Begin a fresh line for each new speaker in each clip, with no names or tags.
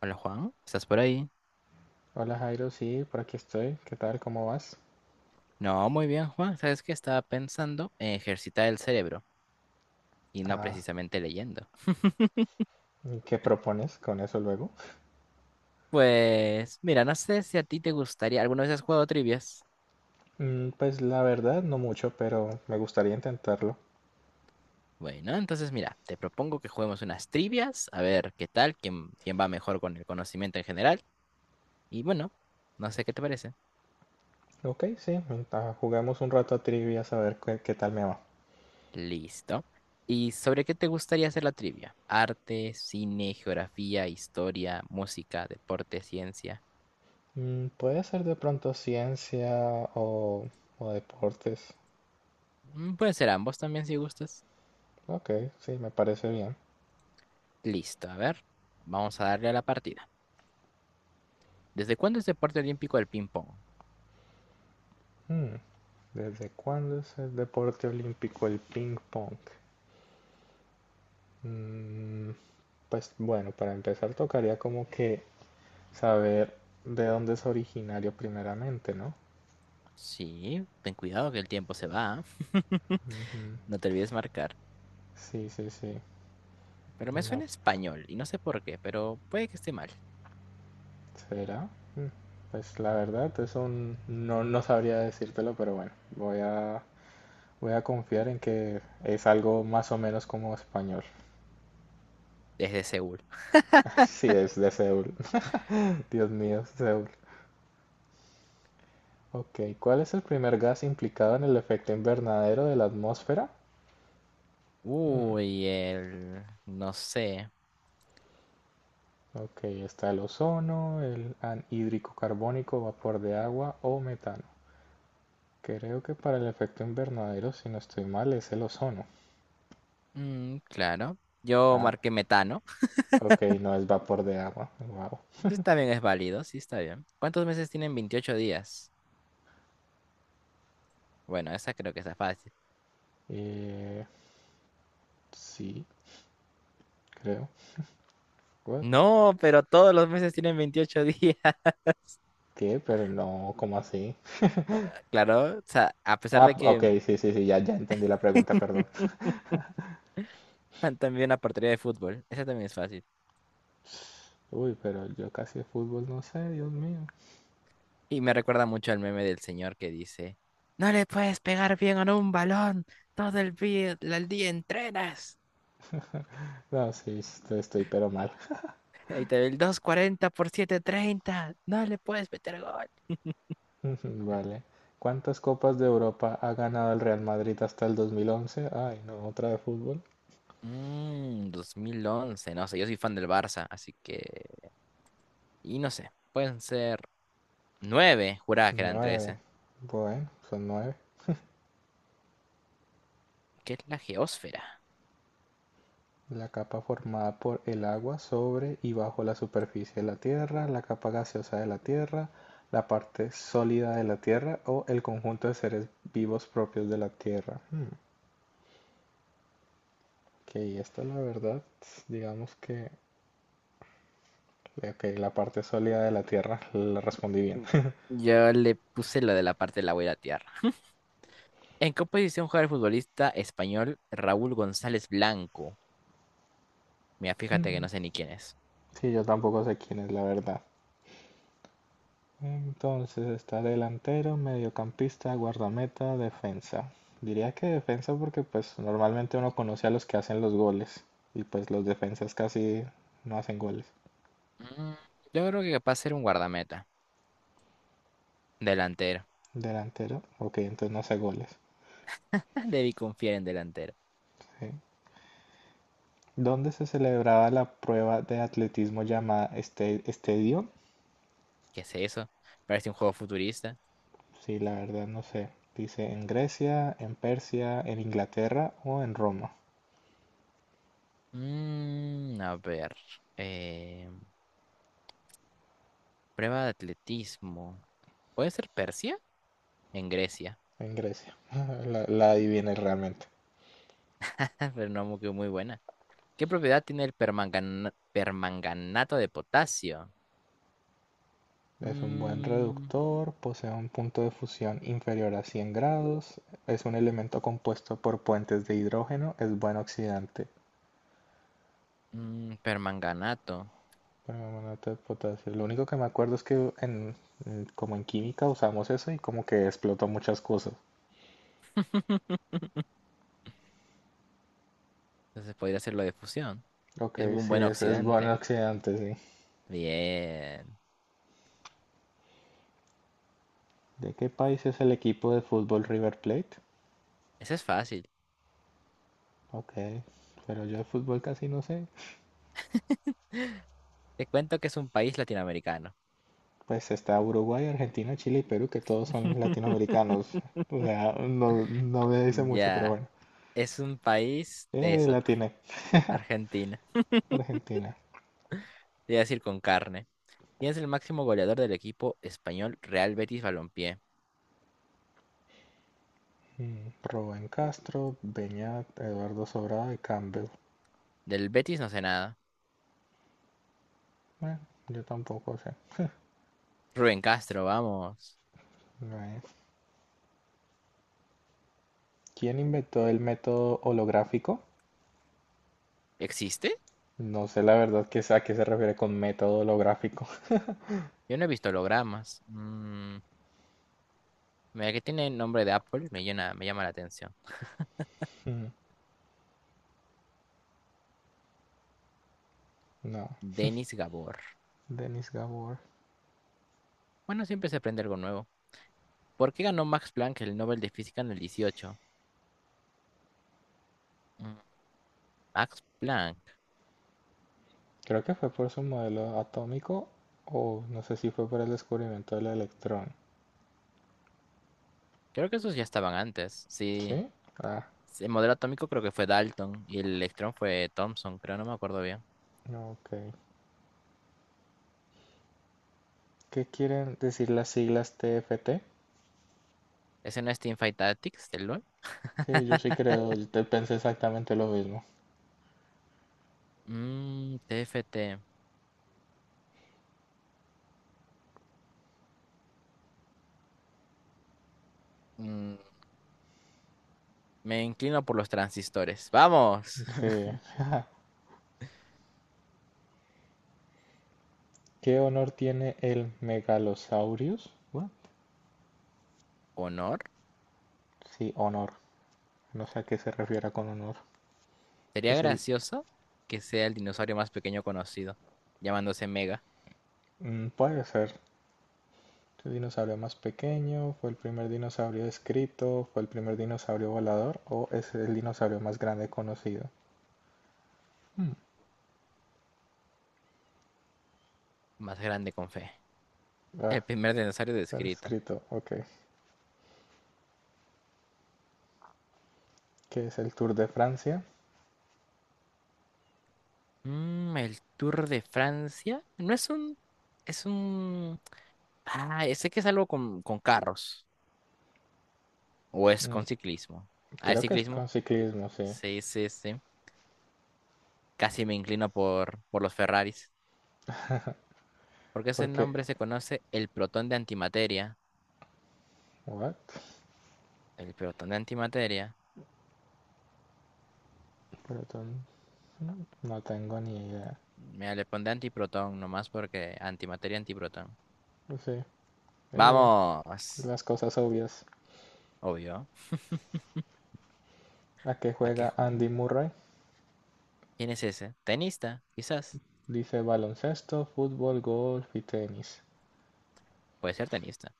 Hola Juan, ¿estás por ahí?
Hola Jairo, sí, por aquí estoy. ¿Qué tal? ¿Cómo vas?
No, muy bien Juan, ¿sabes que estaba pensando en ejercitar el cerebro y no
Ah,
precisamente leyendo?
¿y qué propones con eso luego?
Pues mira, no sé si a ti te gustaría, ¿alguna vez has jugado trivias?
Pues la verdad, no mucho, pero me gustaría intentarlo.
Bueno, entonces mira, te propongo que juguemos unas trivias, a ver qué tal, quién va mejor con el conocimiento en general. Y bueno, no sé qué te parece.
Ok, sí, juguemos un rato a trivia a ver qué tal me va.
Listo. ¿Y sobre qué te gustaría hacer la trivia? Arte, cine, geografía, historia, música, deporte, ciencia.
Puede ser de pronto ciencia o, o deportes.
Puede ser ambos también si gustas.
Ok, sí, me parece bien.
Listo, a ver. Vamos a darle a la partida. ¿Desde cuándo es deporte olímpico el ping-pong?
Mm, ¿desde cuándo es el deporte olímpico el ping pong? Mm, pues bueno, para empezar tocaría como que saber de dónde es originario primeramente, ¿no?
Sí, ten cuidado que el tiempo se va. ¿Ah?
Ujú.
No te olvides marcar.
Sí, sí, sí.
Pero me
No,
suena español y no sé por qué, pero puede que esté mal.
¿será? Mm, Pues la verdad, eso no sabría decírtelo, pero bueno, voy a, voy a confiar en que es algo más o menos como español.
Desde Seúl.
Sí, es de Seúl. Dios mío, Seúl. Ok, ¿cuál es el primer gas implicado en el efecto invernadero de la atmósfera? Mm,
Uy, el... no sé.
ok, está el ozono, el anhídrico carbónico, vapor de agua o metano. Creo que para el efecto invernadero, si no estoy mal, es el ozono.
Mm, claro. Yo
Ah,
marqué metano.
ok, no es vapor de agua. Wow.
Entonces también es válido, sí, está bien. ¿Cuántos meses tienen 28 días? Bueno, esa creo que está fácil.
Eh, sí, creo. What?
No, pero todos los meses tienen 28 días.
¿Qué? Pero no, ¿cómo así?
Claro, o sea, a pesar
Ah,
de
ok,
que
sí, sí, sí, ya, ya entendí la pregunta, perdón.
también una portería de fútbol. Esa también es fácil.
Uy, pero yo casi de fútbol no sé, Dios mío.
Y me recuerda mucho al meme del señor que dice, no le puedes pegar bien a un balón, todo el día entrenas.
No, sí, estoy pero mal.
Ahí te ve el 240 por 730, no le puedes meter gol.
Vale. ¿Cuántas copas de Europa ha ganado el Real Madrid hasta el 2011? Ay, no, otra de fútbol.
2011 no sé, yo soy fan del Barça, así que... y no sé, pueden ser nueve, juraba que eran
Nueve.
trece.
Bueno, son nueve.
¿Qué es la geósfera?
La capa formada por el agua sobre y bajo la superficie de la Tierra, la capa gaseosa de la Tierra, la parte sólida de la Tierra o el conjunto de seres vivos propios de la Tierra. Ok, esta la verdad, digamos que okay la parte sólida de la Tierra la respondí bien.
Mm, Yo le puse lo de la parte de la, voy a latear. ¿En qué posición juega el futbolista español Raúl González Blanco? Mira, fíjate que no sé ni quién es.
Sí, yo tampoco sé quién es la verdad. Entonces está delantero, mediocampista, guardameta, defensa. Diría que defensa porque pues normalmente uno conoce a los que hacen los goles y pues los defensas casi no hacen goles.
Mm, Yo creo que capaz ser un guardameta. Delantero.
Delantero, ok, entonces no hace goles.
Debí confiar en delantero.
Sí. ¿Dónde se celebraba la prueba de atletismo llamada este, estadio?
¿Qué es eso? Parece un juego futurista.
Sí, la verdad no sé. Dice en Grecia, en Persia, en Inglaterra o en Roma.
A ver. eh, Prueba de atletismo. ¿Puede ser Persia? En Grecia.
En Grecia. La adiviné realmente.
Pero no muy, que muy buena. ¿Qué propiedad tiene el permanganato de potasio?
Es un buen
Mm,
reductor, posee un punto de fusión inferior a 100 grados, es un elemento compuesto por puentes de hidrógeno, es buen oxidante.
Permanganato.
Permanganato de potasio. Lo único que me acuerdo es que en, como en química usamos eso y como que explotó muchas cosas.
Entonces podría hacerlo de fusión.
Ok,
Es un
sí,
buen
es buen
oxidante.
oxidante, sí.
Bien.
¿De qué país es el equipo de fútbol River Plate?
Ese es fácil.
Ok, pero yo de fútbol casi no sé.
Te cuento que es un país latinoamericano.
Pues está Uruguay, Argentina, Chile y Perú, que todos son latinoamericanos. O sea, no, no me dice mucho, pero
Ya.
bueno.
Es un país,
Eh,
eso,
Latina,
Argentina.
Argentina.
Te iba a decir con carne. ¿Quién es el máximo goleador del equipo español Real Betis Balompié?
Rubén Castro, Beñat, Eduardo Sobrado y Campbell.
Del Betis no sé nada.
Bueno, yo tampoco sé.
Rubén Castro, vamos.
No es. ¿Quién inventó el método holográfico?
¿Existe?
No sé la verdad que es- a qué se refiere con método holográfico.
Yo no he visto hologramas. Mira que tiene nombre de Apple, me llama la atención.
Mm, No,
Denis Gabor.
Denis Gabor.
Bueno, siempre se aprende algo nuevo. ¿Por qué ganó Max Planck el Nobel de Física en el 18? Mm, Max Planck.
Creo que fue por su modelo atómico o no sé si fue por el descubrimiento del electrón.
Creo que esos ya estaban antes. Sí.
¿Sí? Ah,
Sí, el modelo atómico creo que fue Dalton y el electrón fue Thomson, creo, no me acuerdo bien.
ok. ¿Qué quieren decir las siglas T F T?
¿Ese no es Teamfight Tactics del LoL?
Sí, yo sí creo, yo te pensé exactamente lo mismo.
TFT. Mm, me inclino por los transistores. ¡Vamos!
Sí. ¿Qué honor tiene el Megalosaurus? What?
¿Honor?
Sí, honor. No sé a qué se refiere con honor.
Sería
Es el...
gracioso que sea el dinosaurio más pequeño conocido, llamándose Mega,
Puede ser. El dinosaurio más pequeño, fue el primer dinosaurio escrito, fue el primer dinosaurio volador o es el dinosaurio más grande conocido. Hmm,
más grande con fe.
Ah,
El primer dinosaurio descrito.
escrito, ok. ¿Qué es el Tour de Francia?
El Tour de Francia. No es un. Es un. Ah, sé que es algo con, carros. O es
Mm,
con ciclismo. A ver,
creo que es
ciclismo.
con ciclismo, sí.
Sí, sí, sí. Casi me inclino por los Ferraris. Porque ese
Porque,
nombre se conoce el protón de antimateria.
what?
El protón de antimateria.
Pero no tengo ni idea.
Mira, le pondré antiprotón nomás porque antimateria, antiprotón.
Sí, eh,
Vamos.
las cosas obvias.
Obvio.
¿A qué
¿A qué
juega
juego?
Andy Murray?
¿Quién es ese? Tenista, quizás.
Dice baloncesto, fútbol, golf y tenis.
Puede ser tenista.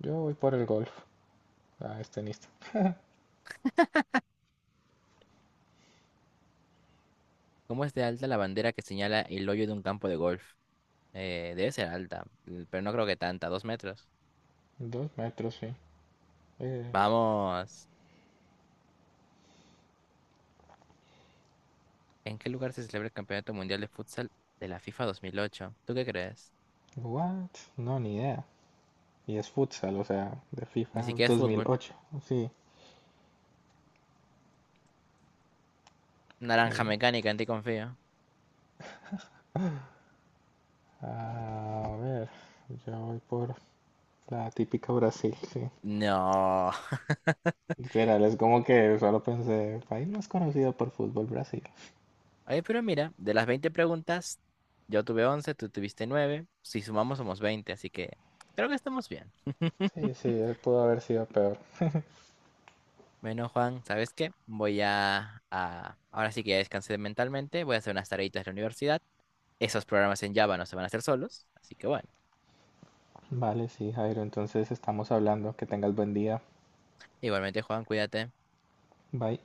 Yo voy por el golf. Ah, es tenista.
¿Cómo es de alta la bandera que señala el hoyo de un campo de golf? Debe ser alta, pero no creo que tanta, 2 metros.
2 metros, sí. Eh,
Vamos. ¿En qué lugar se celebra el Campeonato Mundial de Futsal de la FIFA 2008? ¿Tú qué crees?
what? No, ni idea. Y es futsal, o sea, de
Ni
FIFA
siquiera es fútbol.
2008. Sí,
Naranja
que...
mecánica, en ti confío.
A ver, yo voy por la típica Brasil, sí.
No.
Literal, es como que solo pensé, país más conocido por fútbol, Brasil.
Oye, pero mira, de las 20 preguntas, yo tuve 11, tú tuviste 9. Si sumamos somos 20, así que creo que estamos bien.
Sí, sí, pudo haber sido peor.
Bueno, Juan, ¿sabes qué? Ahora sí que ya descansé mentalmente, voy a hacer unas tareitas de la universidad, esos programas en Java no se van a hacer solos, así que bueno.
Vale, sí, Jairo, entonces estamos hablando. Que tengas buen día.
Igualmente, Juan, cuídate.
Bye.